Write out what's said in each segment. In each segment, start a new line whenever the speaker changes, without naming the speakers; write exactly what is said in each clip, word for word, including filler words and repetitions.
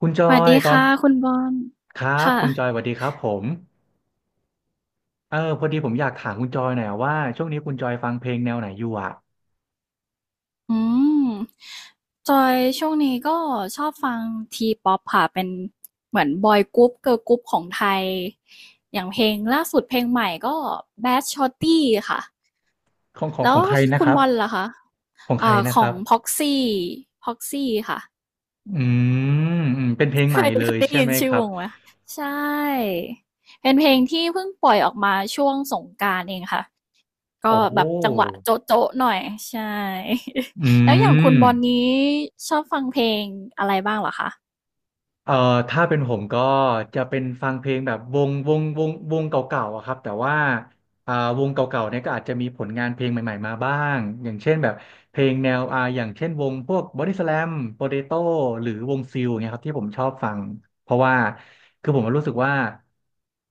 คุณจอ
สวัส
ย
ดี
ตอน
ค่ะคุณบอล
ครับ
ค่ะ
คุณจอยสวัสดีครับผมเออพอดีผมอยากถามคุณจอยหน่อยอะว่าช่วงนี้คุณจอยฟังเพลงแนวไหนอยู่อ่ะ
อืมจอยช่วงนี้ก็ชอบฟังทีป๊อปค่ะเป็นเหมือนบอยกรุ๊ปเกิร์ลกรุ๊ปของไทยอย่างเพลงล่าสุดเพลงใหม่ก็ Bad Shorty ค่ะ
ของของ
แล้
ข
ว
องใครนะ
คุ
ค
ณ
รับ
บอลล่ะคะ
ของใคร
อ่า
นะ
ข
ค
อ
รั
ง
บ
Proxy Proxy ค่ะ
อืมอืมเป็นเพลง
เค
ใหม่
ยเค
เล
ย
ย
ได้
ใช่
ยิน
ไหมค
ชื่อ
รั
ว
บ
งไหมใช่เป็นเพลงที่เพิ่งปล่อยออกมาช่วงสงกรานต์เองค่ะ
โอ้
ก็แบบจังหวะโจ๊ะๆหน่อยใช่
อื
แล้วอย่างคุณ
ม
บอลนี้ชอบฟังเพลงอะไรบ้างเหรอคะ
เอ่อถ้าเป็นผมก็จะเป็นฟังเพลงแบบวงวงวงวงเก่าๆอะครับแต่ว่าอ่าวงเก่าๆเนี่ยก็อาจจะมีผลงานเพลงใหม่ๆมาบ้างอย่างเช่นแบบเพลงแนวอ่าอย่างเช่นวงพวกบอดี้สแลมโปเตโต้หรือวงซิลเนี้ยครับที่ผมชอบฟังเพราะว่าคือผมรู้สึกว่า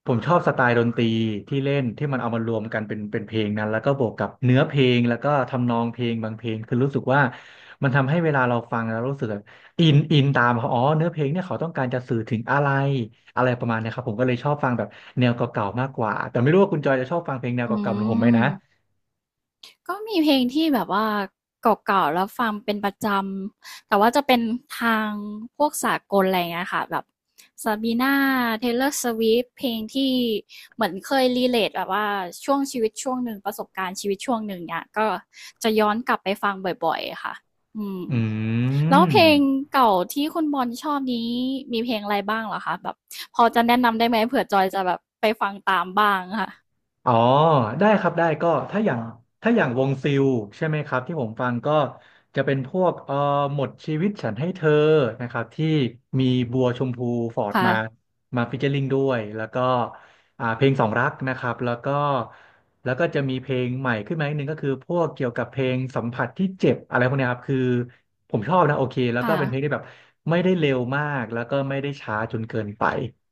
ผมชอบสไตล์ดนตรีที่เล่นที่มันเอามารวมกันเป็นเป็นเพลงนั้นแล้วก็บวกกับเนื้อเพลงแล้วก็ทำนองเพลงบางเพลงคือรู้สึกว่ามันทำให้เวลาเราฟังแล้วรู้สึก อินอินตามเขาอ๋อเนื้อเพลงเนี่ยเขาต้องการจะสื่อถึงอะไรอะไรประมาณเนี้ยครับผมก็เลยชอบฟังแบบแนวเก่าๆมากกว่าแต่ไม่รู้ว่าคุณจอยจะชอบฟังเพลงแนว
อื
เก่าๆเหมือนผมไหม
ม
นะ
ก็มีเพลงที่แบบว่าเก่าๆแล้วฟังเป็นประจำแต่ว่าจะเป็นทางพวกสากลอะไรเงี้ยค่ะแบบซาบีน่าเทย์เลอร์สวเพลงที่เหมือนเคยรีเลทแบบว่าช่วงชีวิตช่วงหนึ่งประสบการณ์ชีวิตช่วงหนึ่งเนี่ยก็จะย้อนกลับไปฟังบ่อยๆค่ะอืม
อื
แล้ว
ม
เพลงเก่าที่คุณบอลชอบนี้มีเพลงอะไรบ้างเหรอคะแบบพอจะแนะนำได้ไหมเผื่อจอยจะแบบไปฟังตามบ้างค่ะ
อ๋อได้ครับได้ก็ถ้าอย่างถ้าอย่างวงซิลใช่ไหมครับที่ผมฟังก็จะเป็นพวกเอ่อหมดชีวิตฉันให้เธอนะครับที่มีบัวชมพูฟอร์ดมา
ค่ะ
มาฟีเจอริงด้วยแล้วก็อ่าเพลงสองรักนะครับแล้วก็แล้วก็จะมีเพลงใหม่ขึ้นมาอีกหนึ่งก็คือพวกเกี่ยวกับเพลงสัมผัสที่เจ็บอะไรพวกเนี้ยครับคือผมชอบนะโอเคแล้วก็
ค่ะ
เป็นเพลงที่แบบไม่ได้เร็วมากแล้วก็ไม่ได้ช้าจนเกินไป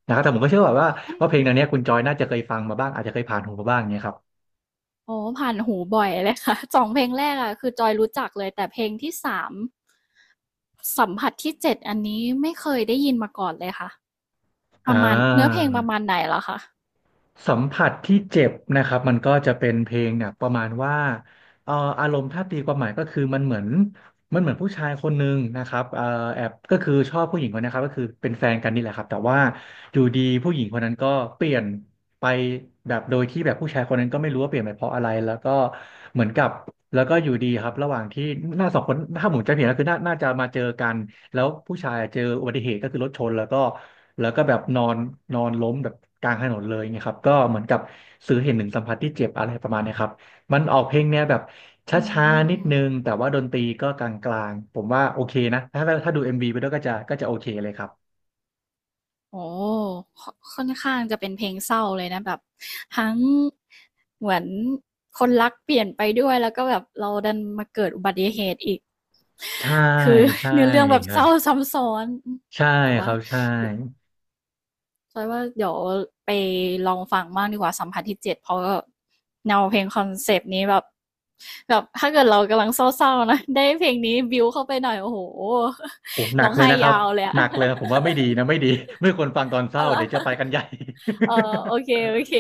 นะครับแต่ผมก็เชื่อว่าว่าว่าเพลงแนวเนี้ยคุณจอยน่าจะเคยฟังมาบ้างอาจจะเคยผ่านหูมาบ้างเนี้ยครับ
อ๋อผ่านหูบ่อยเลยค่ะ สองเพลงแรกอะคือจอยรู้จักเลยแต่เพลงที่สามสัมผัสที่เจ็ดอันนี้ไม่เคยได้ยินมาก่อนเลยค่ะป
อ่
ระมาณเนื้อเพ
า
ลงประมาณไหนเหรอคะ
สัมผัสที่เจ็บนะครับมันก็จะเป็นเพลงเนี่ยประมาณว่าเอ่ออารมณ์ถ้าตีความหมายก็คือมันเหมือน มันเหมือนผู้ชายคนหนึ่งนะครับเอ่อแอบก็คือชอบผู้หญิงคนนี้ครับก็คือเป็นแฟนกันนี่แหละครับแต่ว่าอยู่ดีผู้หญิงคนนั้นก็เปลี่ยนไปแบบโดยที่แบบผู้ชายคนนั้นก็ไม่รู้ว่าเปลี่ยนไปเพราะอะไรแล้วก็เหมือนกับแล้วก็อยู่ดีครับระหว่างที่หน้าสองคนถ้าผมจำไม่ผิดก็คือน่าน่าจะมาเจอกันแล้วผู้ชายเจออุบัติเหตุก็คือรถชนแล้วก็แล้วก็แบบนอนนอนล้มแบบกลางถนนเลยไงครับก็เหมือนกับสื่อเห็นถึงสัมผัสที่เจ็บอะไรประมาณเนี้ยครับ มันออกเพลงแนวแบบช
อื
้าๆนิด
ม
นึงแต่ว่าดนตรีก็กลางๆผมว่าโอเคนะถ้าถ้าดู เอ็ม วี ไปด้วยก็จะก็จะโอเคเลยครับ
โอ้โฮคอค่อนข้างจะเป็นเพลงเศร้าเลยนะแบบทั้งเหมือนคนรักเปลี่ยนไปด้วยแล้วก็แบบเราดันมาเกิดอุบัติเหตุอีก
ใช่
คือ
ใช่
เนื้อเรื่องแบบเศ
ค่ะ
ร้าซ้ำซ้อน
ใช่
แต่
ค
ว่า
รับใช่
จอยว่าเดี๋ยวไปลองฟังบ้างดีกว่าสัมผัสที่เจ็ดเพราะแนวเพลงคอนเซปต์นี้แบบแบบถ้าเกิดเรากำลังเศร้าๆนะได้เพลงนี้บิวเข้าไปหน่อยโอ้โห
โอ้หนั
ร้อ
ก
ง
เลย
ไห้
นะครับ
ยาวเลยอะ
หนักเลยนะผมว่าไม่ดีนะไม่ดี ไม่ควรฟังตอนเศ
เอา
ร้า
ละ
เดี๋ยวจะไปกันใหญ่
เออโอเคโอเค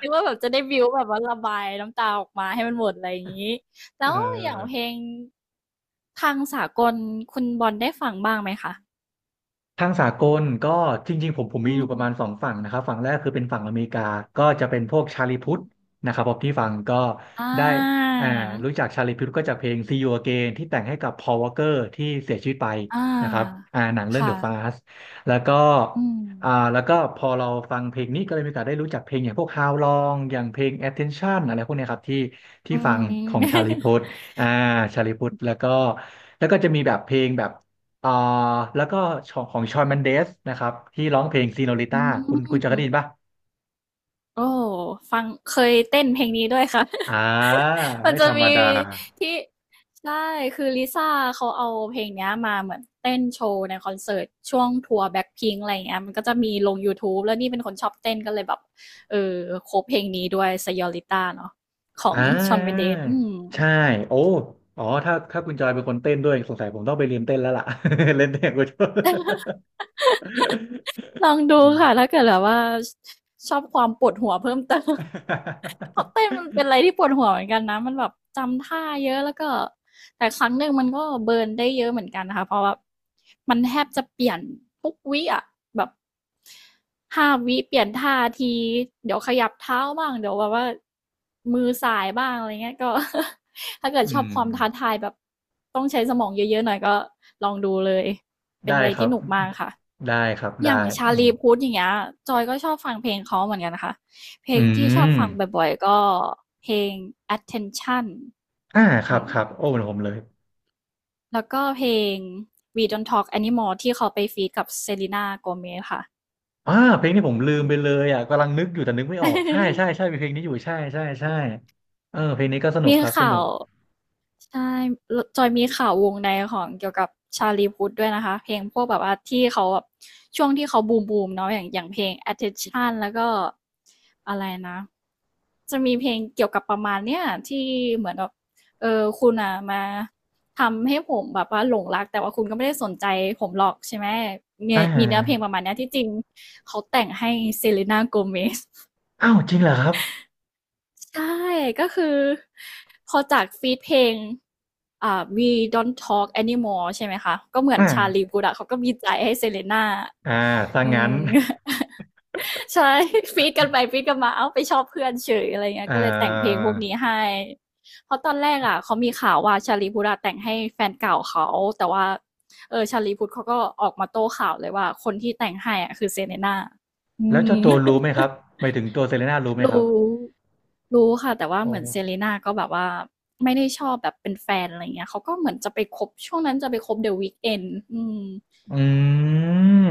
นึกว่าแบบจะได้บิวแบบว่าระบายน้ำตาออกมาให้มันหมดอะไรอย่างนี้แล้
เ
วอย่างเพ
ออ
ลงทางสากลคุณบอลได้ฟังบ้างไหมคะ
ทางสากลก็จริงๆผมผมมี
อื
อยู่ประมาณสอ
ม
งฝั่งนะครับฝั่งแรกคือเป็นฝั่งอเมริกาก็จะเป็นพวกชาลีพุ
อื
ทธ
ม
นะครับผมที่ฟังก็
อ่
ได้
า
อ่ารู้จักชาลีพุทธก็จากเพลง See You Again ที่แต่งให้กับ Paul Walker ที่เสียชีวิตไป
อ่
นะครับ
า
อ่าหนังเรื่อง The
ค่ะ
Fast แล้วก็
อืม
อ่าแล้วก็พอเราฟังเพลงนี้ก็เลยมีโอกาสได้รู้จักเพลงอย่างพวก How Long อย่างเพลง Attention อะไรพวกเนี้ยครับที่ที่
อื
ฟังขอ
ม
งชาลีพุทธ อ่าชาลีพุทธแล้วก็แล้วก็จะมีแบบเพลงแบบ อ่าแล้วก็ของขอชอนแมนเดสนะครับที่ร้องเพลงซีโนริ
อื
ต้าคุณคุณจะ
ม
เคยได้ยินป่ะ
โอ้ฟังเคยเต้นเพลงนี้ด้วยค่ะ
อ่า
มัน
ไม่
จะ
ธรรม
มี
ดา
ที่ใช่คือลิซ่าเขาเอาเพลงเนี้ยมาเหมือนเต้นโชว์ในคอนเสิร์ตช่วงทัวร์แบ็คพิงอะไรอย่างเงี้ยมันก็จะมีลงยูทูบแล้วนี่เป็นคนชอบเต้นก็เลยแบบเออโคบเพลงนี้ด้วย Señorita เนาะขอ
อ่
ง Shawn น e n d e
า
อืม
ใช่โอ้อ๋อถ้าถ้าคุณจอยเป็นคนเต้นด้วยสงสัยผมต้องไปเรียนเต้นแล้วล่ะ เล่นเต้นกูชอบ
ลองดู
อืม
ค่ะถ้าเกิดแบบว่าชอบความปวดหัวเพิ่มเติม เพราะเต้นมันเป็น อะไรที่ปวดหัวเหมือนกันนะมันแบบจำท่าเยอะแล้วก็แต่ครั้งหนึ่งมันก็เบิร์นได้เยอะเหมือนกันนะคะเพราะว่ามันแทบจะเปลี่ยนทุกวิอ่ะแบบห้าวิเปลี่ยนท่าที เดี๋ยวขยับเท้าบ้างเดี๋ยวแบบว่ามือสายบ้างอะไรเงี้ยก็ ถ้าเกิ
อื
ดชอบ
ม
ความท้าทายแบบต้องใช้สมองเยอะๆหน่อยก็ลองดูเลย เป็น
ได้
อะไร
ครั
ที่
บ
หนุกมากค่ะ
ได้ครับ
อ
ได้
ย่างชา
อืม
ลีพุทธอย่างเงี้ยจอยก็ชอบฟังเพลงเขาเหมือนกันนะคะ เพล
อื
งที่ชอบ
ม
ฟังบ่อยๆ ก็เพลง attention
อ่าครั
อื
บ
ม
ครับโอ้เหมือนผมเลย
แล้วก็เพลง we don't talk anymore ที่เขาไปฟีดกับเซรีนาโกเมซค่ะ
อ่าเพลงนี้ผมลืมไปเลยอ่ะกำลังนึกอยู่แต่นึกไม่ออกใช่ ใช่ใช่มีเพลงนี้อยู่ใช่ใช่ใช่เออเพลงนี้ก็สนุก
มี
ครับส
ข่า
นุ
ว
ก
ใช่ จอยมีข่าววงในของเกี่ยวกับชาลีพุทธด้วยนะคะ เพลงพวกแบบว่าที่เขาแบบช่วงที่เขาบูมบูมเนาะอย่างอย่างเพลง attention แล้วก็อะไรนะ จะมีเพลงเกี่ยวกับประมาณเนี้ยที่เหมือนแบบเออคุณอ่ะมาทำให้ผมแบบว่าหลงรักแต่ว่าคุณก็ไม่ได้สนใจผมหรอกใช่ไหม มี
อ่
มีเนื้อเพลง
า
ประมาณเนี้ยที่จริงเขาแต่งให้เซเลน่าโกเมซ
อ้าวจริงเหรอครับ
ใช่ก็คือพอจากฟีตเพลงอ่า We Don't Talk Anymore ใช่ไหมคะก็เหมือน
อ่า
ชาลีพูทอะเขาก็มีใจให้เซเลน่า
อ่าถ้า
อื
งั้น
ม ใช่ฟีตกันไปฟีตกันมาอ้าวไปชอบเพื่อนเฉยอะไรเงี้ย
เอ่
ก็เลยแต่งเพลง
อ
พวกนี้ให้เพราะตอนแรกอะเขามีข่าวว่าชาลีพูทอะแต่งให้แฟนเก่าเขาแต่ว่าเออชาลีพูทเขาก็ออกมาโต้ข่าวเลยว่าคนที่แต่งให้อะคือเซเลน่าอื
แล้วเจ้า
ม
ตัวรู้ไหมครับหมายถึงตัวเซเลน่ารู้ไหมค
รู้
รับ
รู้ค่ะแต่ว่า
โอ
เหมือน
้
Selena ก็แบบว่าไม่ได้ชอบแบบเป็นแฟนอะไรอย่างเงี้ยเขาก็เหมือนจะไปคบช่วงนั้นจะไปคบ The Weeknd อืม
อืม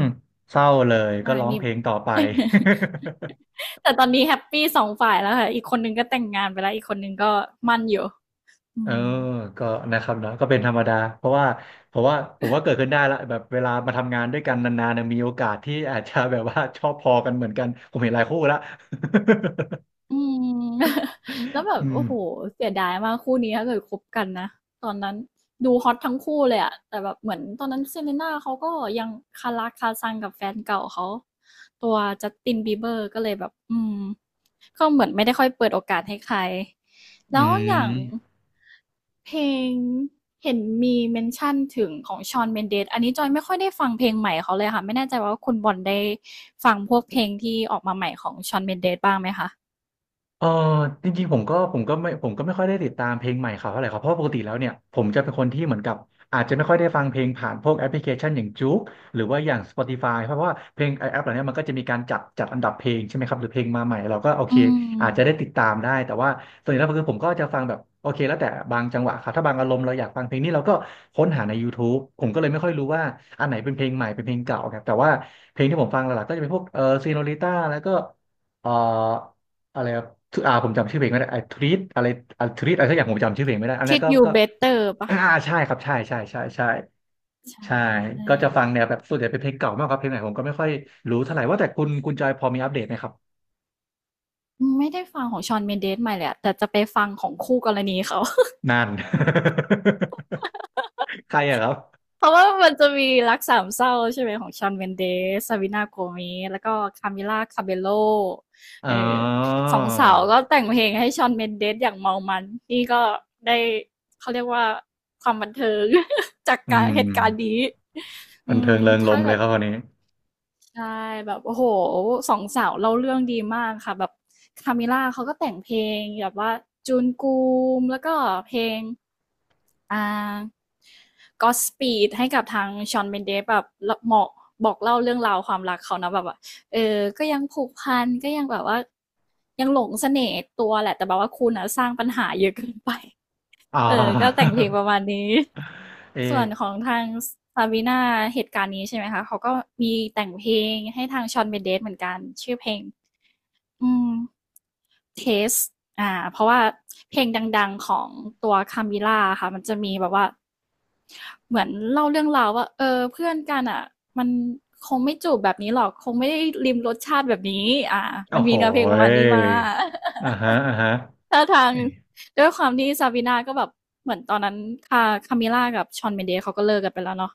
เศร้าเลยก็
ใช่
ร้อง
มี
เพลงต่อไป
แต่ตอนนี้แฮปปีสองฝ่ายแล้วค่ะอีกคนหนึ่งก็แต่งงานไปแล้วอีกคนหนึ่งก็มั่นอยู่อื
เออ
ม
ก็นะครับเนาะก็เป็นธรรมดา เพราะว่าผมว่าผมว่าเกิดขึ้นได้ละแบบเวลามาทำงานด้วยกันนานๆเนี่ยมีโอกาสที่อาจจะแบบว่าชอบพอกันเหมือนกัน ผมเห็นหลายคู่ละ
อืม แล้ว แบบ
อืม
โอ้โหเสียดายมากคู่นี้ถ้าเกิดคบกันนะตอนนั้นดูฮอตทั้งคู่เลยอะแต่แบบเหมือนตอนนั้น Selena เลน่าเขาก็ยังคาราคาซังกับแฟนเก่าเขาตัว Justin Bieber ก็เลยแบบอืมก็เหมือนไม่ได้ค่อยเปิดโอกาสให้ใคร
อื
แล้วอย่า
ม
งเพลงเห็นมีเมนชั่นถึงของ Shawn Mendes อันนี้จอยไม่ค่อยได้ฟังเพลงใหม่เขาเลยค่ะไม่แน่ใจว่าคุณบอลได้ฟังพวกเพลงที่ออกมาใหม่ของชอนเ n นเด d บ้างไหมคะ
เออจริงๆผมก็ผมก็ไม่ผมก็ไม่ค่อยได้ติดตามเพลงใหม่เขาเท่าไหร่ครับเพราะปกติแล้วเนี่ยผมจะเป็นคนที่เหมือนกับอาจจะไม่ค่อยได้ฟังเพลงผ่านพวกแอปพลิเคชันอย่างจ๊กหรือว่าอย่าง Spotify เพราะว่าเพลงไอแอปเหล่านี้มันก็จะมีการจัดจัดอันดับเพลงใช่ไหมครับหรือเพลงมาใหม่เราก็โอเค
อืม
อาจจะได้ติดตามได้แต่ว่าส่วนใหญ่แล้วคือผมก็จะฟังแบบโอเคแล้วแต่บางจังหวะครับถ้าบางอารมณ์เราอยากฟังเพลงนี้เราก็ค้นหาใน YouTube ผมก็เลยไม่ค่อยรู้ว่าอันไหนเป็นเพลงใหม่เป็นเพลงเก่าครับแต่ว่าเพลงที่ผมฟังหลักๆก็จะเป็นพวกเออซีโนลิต้าแล้วก็เอ่อ อะไรครับทุอ่าผมจำชื่อเพลงไม่ได้ไอ้ทริตอะไรอ่าทริตอะไรสักอย่างผมจำชื่อเพลงไม่ได้อันนี้
t ิ
น
ด a t
ก็
You
ก็
Better ป่ะ
อ่าใช่ครับใช่ใช่ใช่ใช่ใช่
ใช่
ก็จะฟังแนวแบบส่วนใหญ่เป็นเพลงเก่ามากครับเพลงไหนผมก็ไม่ค่อยรู้เท่าไหร่ว่าแต่คุณคุณจอยพอมีอัปเดตไหมครับ
ไม่ได้ฟังของชอนเมนเดสใหม่เลยอะแต่จะไปฟังของคู่กรณีเขา
นั่น ใครอะครับ
เพราะว่ามันจะมีรักสามเศร้าใช่ไหมของชอนเมนเดสซาวินาโกเมสแล้วก็คามิล่าคาเบโล
อ๋อ
เออสองสาวก็แต่งเพลงให้ชอนเมนเดสอย่างเมามันนี่ก็ได้เขาเรียกว่าความบันเทิง จาก
อื
การ
ม
เหตุการณ์นี้
บันเทิงเริงร
ถ้า
มย์เล
เกิ
ย
ด
ครับวันนี้
ใช่แบบโอ้โฮสองสาวเล่าเรื่องดีมากค่ะแบบ Camila เขาก็แต่งเพลงแบบว่า Jungkook แล้วก็เพลงอ่า Godspeed ให้กับทาง Shawn Mendes แบบลเหมาะบอกเล่าเรื่องราวความรักเขาเนาะแบบว่าเออก็ยังผูกพันก็ยังแบบว่ายังหลงเสน่ห์ตัวแหละแต่แบบว่าคุณน่ะสร้างปัญหาเยอะเกินไป
อ๋อ
เออก็แต่งเพลงประมาณนี้
เอ
ส่ว
ะ
นของทาง Sabrina เหตุการณ์นี้ใช่ไหมคะเขาก็มีแต่งเพลงให้ทาง Shawn Mendes เมนเดสเหมือนกันชื่อเพลงอืม Taste อ่าเพราะว่าเพลงดังๆของตัว Camila ค่ะมันจะมีแบบว่าเหมือนเล่าเรื่องราวว่าเออเพื่อนกันอ่ะมันคงไม่จูบแบบนี้หรอกคงไม่ได้ลิมรสชาติแบบนี้อ่า
โอ้
มัน
โห
มีเนื้อเพลงประมาณนี้มา
อ่าฮะอ่าฮะ
ท่าทาง
เอะ
ด้วยความที่ซาบีนาก็แบบเหมือนตอนนั้นคาคามิล่ากับชอนเมนเดสเขาก็เลิกกันไปแล้วเนาะ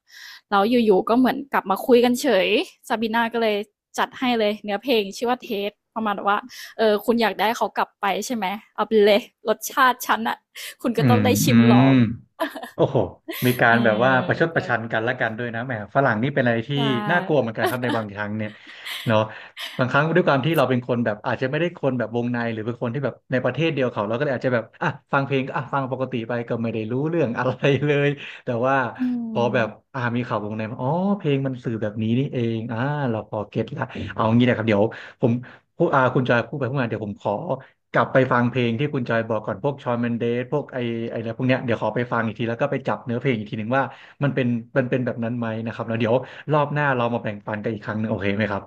แล้วอยู่ๆก็เหมือนกลับมาคุยกันเฉยซาบีนาก็เลยจัดให้เลยเนื้อเพลงชื่อว่าเทสประมาณว่าเออคุณอยากได้เขากลับไปใช่ไหมเอาไปเลยรสชาติฉันอะคุณ
อื
ก็ต้
ม
องได้
อื
ชิมล
ม
อง
โอ้โหมีกา
เอ
ร
อ
แบบว่าประชดป
ก็
ระชันกันและกันด้วยนะแหมฝรั่งนี่เป็นอะไรที่
ใช่
น่ากลัวเหมือนกันครับในบางครั้ง เนี่ยเนาะบางครั้งด้วยความที่เราเป็นคนแบบอาจจะไม่ได้คนแบบวงในหรือเป็นคนที่แบบในประเทศเดียวเขาเราก็เลยอาจจะแบบอ่ะฟังเพลงก็อ่ะฟังปกติไปก็ไม่ได้รู้เรื่องอะไรเลยแต่ว่า
อื
พอ
ม
แบบอ่ามีข่าววงในมาอ๋อเพลงมันสื่อแบบนี้นี่เองอ่าเราพอเก็ตละเอางี้นะครับเดี๋ยวผมพูดอ่าคุณจอยพูดไปพูดมาเดี๋ยวผมขอ กลับไปฟังเพลงที่คุณจอยบอกก่อนพวกชอนเมนเดสพวกไอไออะไรพวกเนี้ยเดี๋ยวขอไปฟังอีกทีแล้วก็ไปจับเนื้อเพลงอีกทีหนึ่งว่ามันเป็นมันเป็นแบบนั้นไหมนะครับแล้วเดี๋ยวรอบหน้าเรามาแบ่งปันกันอีกครั้งหนึงโอเคไหมครับ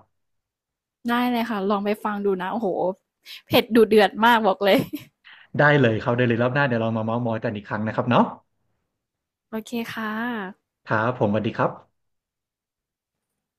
ได้เลยค่ะลองไปฟังดูนะโอ้โหเผ็ดดูเดือดมากบอกเลย
ได้เลยครับได้เลยรอบหน้าเดี๋ยวเรามาเม้าท์มอยกันอีกครั้งนะครับเนาะ
โอเคค่ะ
ครับผมสวัสดีครับ